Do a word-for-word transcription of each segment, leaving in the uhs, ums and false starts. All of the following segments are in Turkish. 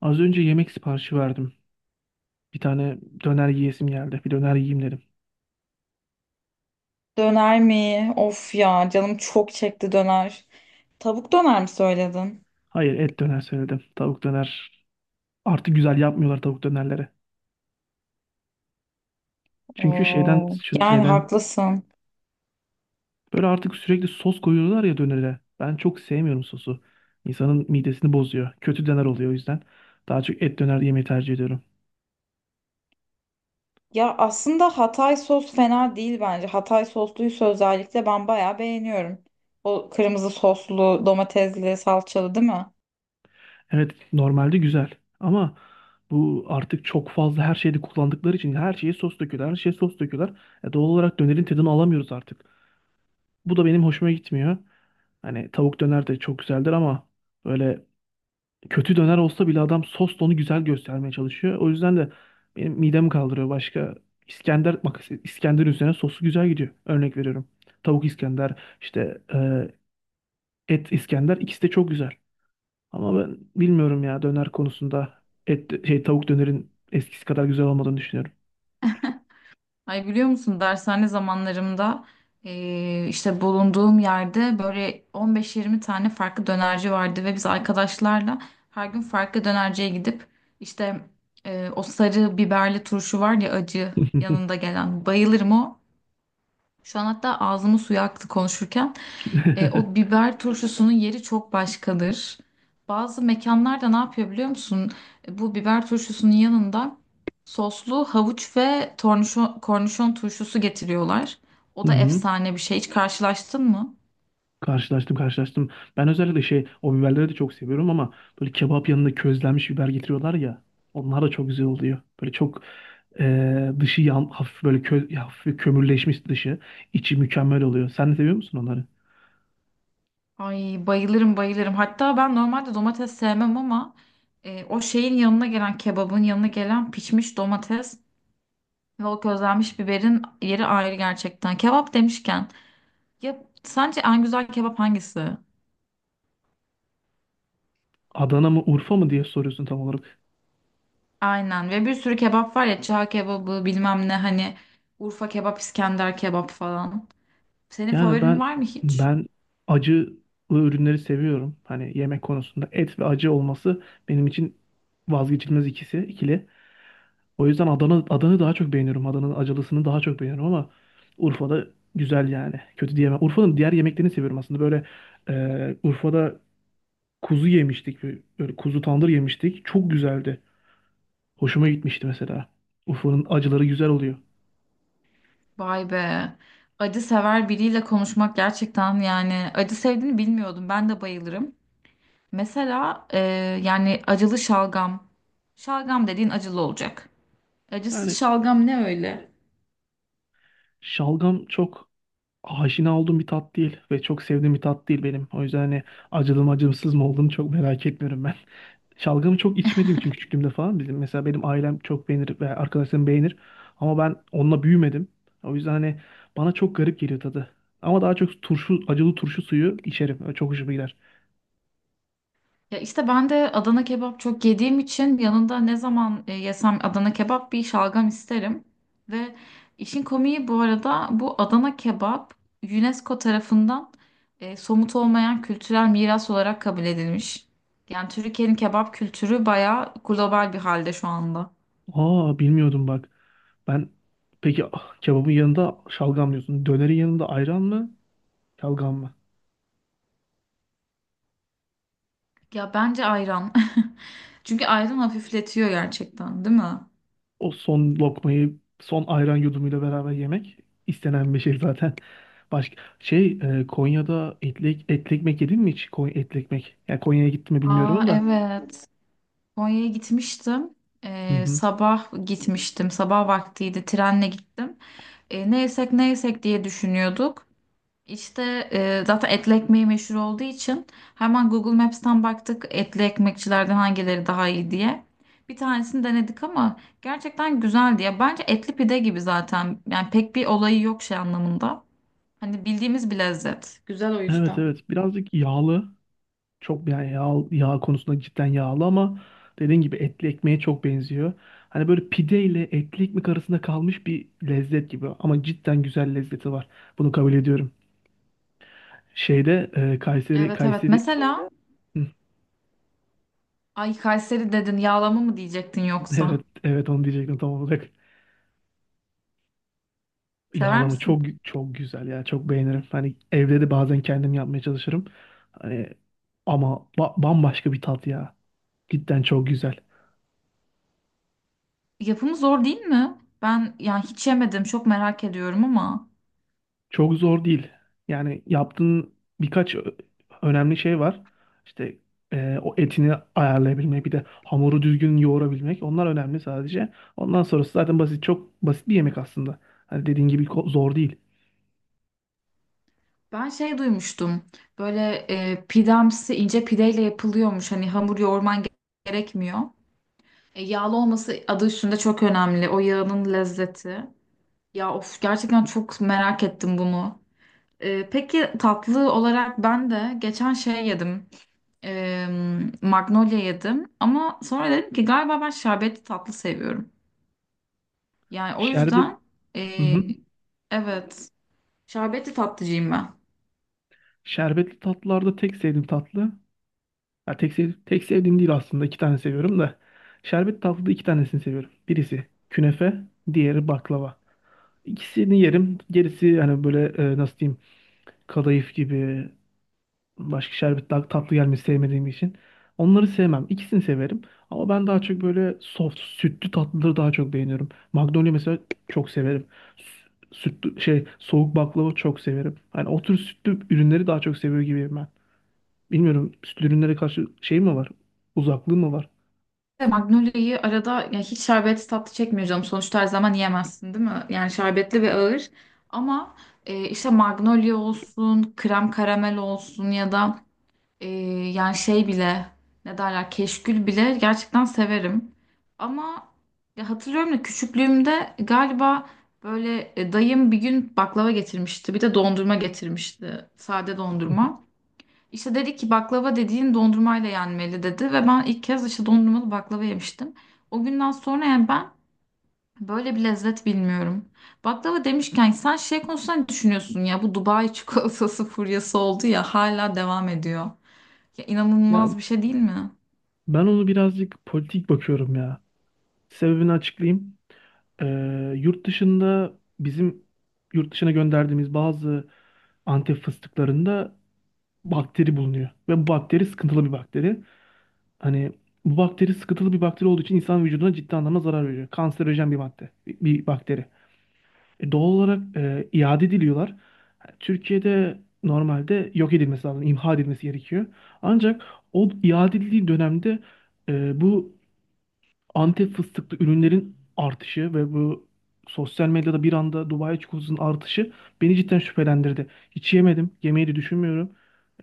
Az önce yemek siparişi verdim. Bir tane döner yiyesim geldi. Bir döner yiyeyim dedim. Döner mi? Of ya canım çok çekti döner. Tavuk döner mi söyledin? Hayır, et döner söyledim. Tavuk döner. Artık güzel yapmıyorlar tavuk dönerleri. Çünkü şeyden Oo, şun- yani şeyden haklısın. böyle artık sürekli sos koyuyorlar ya dönere. Ben çok sevmiyorum sosu. İnsanın midesini bozuyor. Kötü döner oluyor o yüzden. Daha çok et döner yemeyi tercih ediyorum. Ya aslında Hatay sos fena değil bence. Hatay sosluysa özellikle ben bayağı beğeniyorum. O kırmızı soslu, domatesli, salçalı değil mi? Evet, normalde güzel ama bu artık çok fazla her şeyde kullandıkları için her şeye sos döküyorlar. Her şeye sos döküyorlar. E, doğal olarak dönerin tadını alamıyoruz artık. Bu da benim hoşuma gitmiyor. Hani tavuk döner de çok güzeldir ama böyle kötü döner olsa bile adam sosla onu güzel göstermeye çalışıyor. O yüzden de benim midemi kaldırıyor. Başka İskender, bak, İskender üzerine sosu güzel gidiyor. Örnek veriyorum. Tavuk İskender, işte e, et İskender ikisi de çok güzel. Ama ben bilmiyorum ya, döner konusunda et şey tavuk dönerin eskisi kadar güzel olmadığını düşünüyorum. Ay biliyor musun dershane zamanlarımda eee, işte bulunduğum yerde böyle on beş yirmi tane farklı dönerci vardı ve biz arkadaşlarla her gün farklı dönerciye gidip işte eee, o sarı biberli turşu var ya acı yanında gelen bayılırım o. Şu an hatta ağzımı suya aktı konuşurken. E, o biber turşusunun yeri çok başkadır. Bazı mekanlarda ne yapıyor biliyor musun? E, Bu biber turşusunun yanında soslu havuç ve tornişon, kornişon turşusu getiriyorlar. O Hı da hı. efsane bir şey. Hiç karşılaştın mı? Karşılaştım karşılaştım. Ben özellikle şey o biberleri de çok seviyorum ama böyle kebap yanında közlenmiş biber getiriyorlar ya. Onlar da çok güzel oluyor. Böyle çok eee, dışı yan, hafif böyle kö, ya hafif bir kömürleşmiş dışı. İçi mükemmel oluyor. Sen de seviyor musun onları? Ay bayılırım bayılırım. Hatta ben normalde domates sevmem ama e, o şeyin yanına gelen kebabın yanına gelen pişmiş domates ve o közlenmiş biberin yeri ayrı gerçekten. Kebap demişken ya sence en güzel kebap hangisi? Adana mı, Urfa mı diye soruyorsun tam olarak. Aynen ve bir sürü kebap var ya çağ kebabı bilmem ne hani Urfa kebap İskender kebap falan. Senin Yani favorin ben var mı hiç? ben acı ürünleri seviyorum. Hani yemek konusunda et ve acı olması benim için vazgeçilmez ikisi, ikili. O yüzden Adana Adana'yı daha çok beğeniyorum. Adana'nın acılısını daha çok beğeniyorum ama Urfa'da güzel yani. Kötü diyemem. Urfa'nın diğer yemeklerini seviyorum aslında. Böyle e, Urfa'da kuzu yemiştik. Böyle kuzu tandır yemiştik. Çok güzeldi. Hoşuma gitmişti mesela. Urfa'nın acıları güzel oluyor. Vay be. Acı sever biriyle konuşmak gerçekten yani acı sevdiğini bilmiyordum. Ben de bayılırım. Mesela e, yani acılı şalgam. Şalgam dediğin acılı olacak. Yani Acısız şalgam ne öyle? şalgam çok aşina olduğum bir tat değil ve çok sevdiğim bir tat değil benim. O yüzden hani acılı mı, acımsız mı olduğunu çok merak etmiyorum ben. Şalgamı çok içmediğim için küçüklüğümde falan bizim mesela benim ailem çok beğenir ve arkadaşlarım beğenir ama ben onunla büyümedim. O yüzden hani bana çok garip geliyor tadı. Ama daha çok turşu, acılı turşu suyu içerim. Çok hoşuma gider. Ya işte ben de Adana kebap çok yediğim için yanında ne zaman e, yesem Adana kebap bir şalgam isterim. Ve işin komiği bu arada bu Adana kebap UNESCO tarafından e, somut olmayan kültürel miras olarak kabul edilmiş. Yani Türkiye'nin kebap kültürü bayağı global bir halde şu anda. Aa, bilmiyordum bak. Ben, peki ah, kebabın yanında şalgam diyorsun. Dönerin yanında ayran mı? Şalgam mı? Ya bence ayran. Çünkü ayran hafifletiyor gerçekten, değil mi? O son lokmayı son ayran yudumuyla beraber yemek istenen bir şey zaten. Başka şey e, Konya'da etli, etli ekmek yedin mi hiç? Konya, etli ekmek. Yani Konya'ya gittim mi Aa bilmiyorum da. evet. Konya'ya gitmiştim. Hı Ee, hı. sabah gitmiştim. Sabah vaktiydi. Trenle gittim. Ee, ne yesek ne yesek diye düşünüyorduk. İşte e, zaten etli ekmeği meşhur olduğu için hemen Google Maps'ten baktık etli ekmekçilerden hangileri daha iyi diye. Bir tanesini denedik ama gerçekten güzeldi ya. Bence etli pide gibi zaten. Yani pek bir olayı yok şey anlamında. Hani bildiğimiz bir lezzet. Güzel o Evet, yüzden. evet, birazcık yağlı. Çok yani yağ, yağ konusunda cidden yağlı ama dediğin gibi etli ekmeğe çok benziyor. Hani böyle pide ile etli ekmek arasında kalmış bir lezzet gibi ama cidden güzel lezzeti var. Bunu kabul ediyorum. Şeyde e, Kayseri Evet evet. Kayseri Mesela Hı, ay Kayseri dedin yağlama mı diyecektin evet, yoksa? evet, onu diyecektim tam olarak. Sever Yağlama misin? çok çok güzel ya. Çok beğenirim. Hani evde de bazen kendim yapmaya çalışırım. Hani ama ba- bambaşka bir tat ya. Cidden çok güzel. Yapımı zor değil mi? Ben yani hiç yemedim, çok merak ediyorum ama Çok zor değil. Yani yaptığın birkaç ö- önemli şey var. İşte e, o etini ayarlayabilmek, bir de hamuru düzgün yoğurabilmek. Onlar önemli sadece. Ondan sonrası zaten basit, çok basit bir yemek aslında. Hani dediğin gibi ko- zor değil. ben şey duymuştum. Böyle e, pidemsi ince pideyle yapılıyormuş. Hani hamur yoğurman ge- gerekmiyor. E, yağlı olması adı üstünde çok önemli. O yağının lezzeti. Ya of gerçekten çok merak ettim bunu. E, peki tatlı olarak ben de geçen şey yedim. E, Magnolia yedim. Ama sonra dedim ki galiba ben şerbetli tatlı seviyorum. Yani o Şerbet, yüzden e, hı hı. evet. Şerbetli tatlıcıyım ben. Şerbetli tatlılarda tek sevdiğim tatlı. Ya tek, sev, tek sevdiğim değil aslında, iki tane seviyorum da. Şerbetli tatlıda iki tanesini seviyorum. Birisi künefe, diğeri baklava. İkisini yerim. Gerisi hani böyle e, nasıl diyeyim, kadayıf gibi. Başka şerbet daha tatlı gelmesi sevmediğim için. Onları sevmem. İkisini severim. Ama ben daha çok böyle soft, sütlü tatlıları daha çok beğeniyorum. Magnolia mesela çok severim. Sü- Sütlü, şey, soğuk baklava çok severim. Yani o tür sütlü ürünleri daha çok seviyor gibiyim ben. Bilmiyorum, sütlü ürünlere karşı şey mi var? Uzaklığı mı var? Ve Magnolia'yı arada ya hiç şerbetli tatlı çekmiyor canım. Sonuçta her zaman yiyemezsin değil mi? Yani şerbetli ve ağır. Ama e, işte Magnolia olsun, krem karamel olsun ya da e, yani şey bile ne derler keşkül bile gerçekten severim. Ama ya hatırlıyorum da küçüklüğümde galiba böyle e, dayım bir gün baklava getirmişti. Bir de dondurma getirmişti. Sade dondurma. İşte dedi ki baklava dediğin dondurmayla yenmeli dedi ve ben ilk kez işte dondurmalı baklava yemiştim. O günden sonra yani ben böyle bir lezzet bilmiyorum. Baklava demişken sen şey konusunda ne düşünüyorsun ya bu Dubai çikolatası furyası oldu ya hala devam ediyor. Ya Ya inanılmaz bir şey değil mi? ben onu birazcık politik bakıyorum ya. Sebebini açıklayayım. Ee, yurt dışında bizim yurt dışına gönderdiğimiz bazı Antep fıstıklarında bakteri bulunuyor. Ve bu bakteri sıkıntılı bir bakteri. Hani bu bakteri sıkıntılı bir bakteri olduğu için insan vücuduna ciddi anlamda zarar veriyor. Kanserojen bir madde, bir bir bakteri. E, doğal olarak e, iade ediliyorlar. Ha, Türkiye'de normalde yok edilmesi lazım, imha edilmesi gerekiyor. Ancak o iade edildiği dönemde e, bu Antep fıstıklı ürünlerin artışı ve bu sosyal medyada bir anda Dubai çikolatasının artışı beni cidden şüphelendirdi. Hiç yemedim. Yemeyi de düşünmüyorum.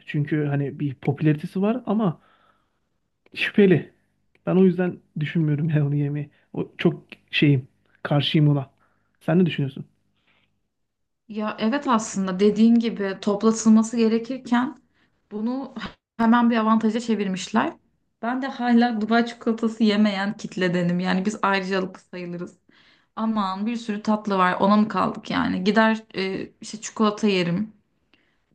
Çünkü hani bir popülaritesi var ama şüpheli. Ben o yüzden düşünmüyorum yani onu yemeyi. O çok şeyim. Karşıyım ona. Sen ne düşünüyorsun? Ya evet aslında dediğin gibi toplatılması gerekirken bunu hemen bir avantaja çevirmişler. Ben de hala Dubai çikolatası yemeyen kitledenim. Yani biz ayrıcalıklı sayılırız. Aman bir sürü tatlı var ona mı kaldık yani gider e, işte çikolata yerim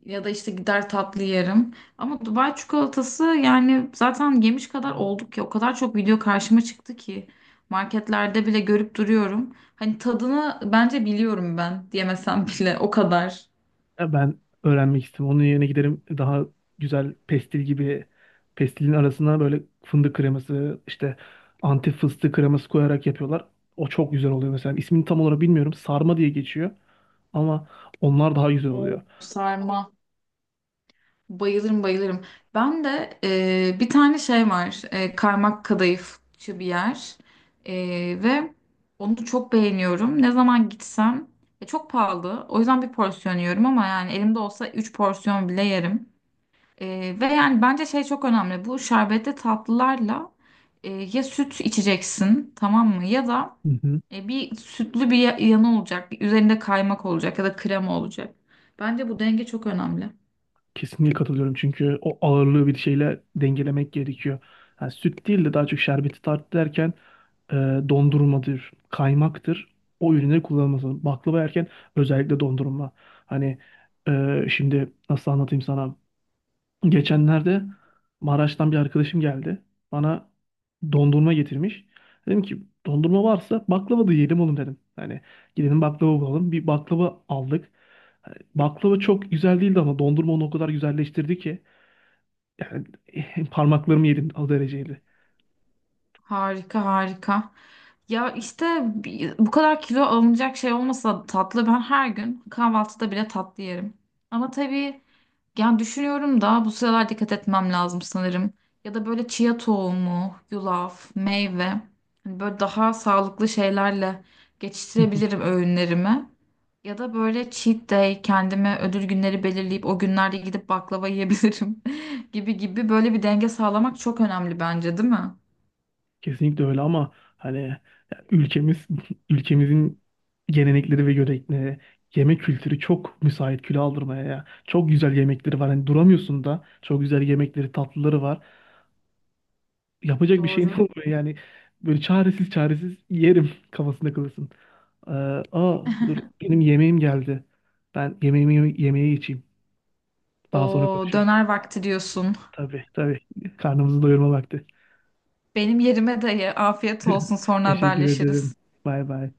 ya da işte gider tatlı yerim ama Dubai çikolatası yani zaten yemiş kadar olduk ya o kadar çok video karşıma çıktı ki marketlerde bile görüp duruyorum hani tadını bence biliyorum ben diyemesem bile o kadar. Ya ben öğrenmek istedim. Onun yerine giderim daha güzel pestil gibi, pestilin arasına böyle fındık kreması, işte antif fıstık kreması koyarak yapıyorlar. O çok güzel oluyor mesela. İsmini tam olarak bilmiyorum. Sarma diye geçiyor ama onlar daha güzel Hmm. oluyor. Sarma. Bayılırım bayılırım. Ben de e, bir tane şey var. E, kaymak kadayıfçı bir yer. E, ve onu çok beğeniyorum. Ne zaman gitsem e, çok pahalı. O yüzden bir porsiyon yiyorum ama yani elimde olsa üç porsiyon bile yerim. E, ve yani bence şey çok önemli. Bu şerbetli tatlılarla e, ya süt içeceksin tamam mı? Ya da Mhm. e, bir sütlü bir ya- yanı olacak. Bir üzerinde kaymak olacak ya da krema olacak. Bence bu denge çok önemli. Kesinlikle katılıyorum, çünkü o ağırlığı bir şeyle dengelemek gerekiyor. Yani süt değil de daha çok şerbeti tart derken e, dondurmadır, kaymaktır. O ürünleri kullanılması lazım. Baklava yerken özellikle dondurma. Hani e, şimdi nasıl anlatayım sana? Geçenlerde Maraş'tan bir arkadaşım geldi. Bana dondurma getirmiş. Dedim ki dondurma varsa baklava da yiyelim oğlum dedim. Hani gidelim baklava bulalım. Bir baklava aldık. Baklava çok güzel değildi ama dondurma onu o kadar güzelleştirdi ki. Yani parmaklarımı yedim, o dereceydi. Harika harika. Ya işte bi- bu kadar kilo alınacak şey olmasa tatlı ben her gün kahvaltıda bile tatlı yerim. Ama tabii yani düşünüyorum da bu sıralar dikkat etmem lazım sanırım. Ya da böyle chia tohumu, yulaf, meyve hani böyle daha sağlıklı şeylerle geçiştirebilirim öğünlerimi. Ya da böyle cheat day kendime ödül günleri belirleyip o günlerde gidip baklava yiyebilirim gibi gibi böyle bir denge sağlamak çok önemli bence değil mi? Kesinlikle öyle ama hani ya ülkemiz ülkemizin gelenekleri ve görenekleri, yemek kültürü çok müsait kilo aldırmaya ya. Çok güzel yemekleri var. Hani duramıyorsun da, çok güzel yemekleri, tatlıları var. Yapacak bir şeyin Doğru. olmuyor yani. Böyle çaresiz çaresiz yerim kafasında kalırsın. Ee, Aa, dur, benim yemeğim geldi. Ben yemeğimi yeme- yemeğe geçeyim. Daha sonra O konuşuruz. döner vakti diyorsun. Tabii, tabii. Karnımızı doyurma vakti. Benim yerime dayı. Afiyet olsun. Sonra Teşekkür ederim. haberleşiriz. Bay bay.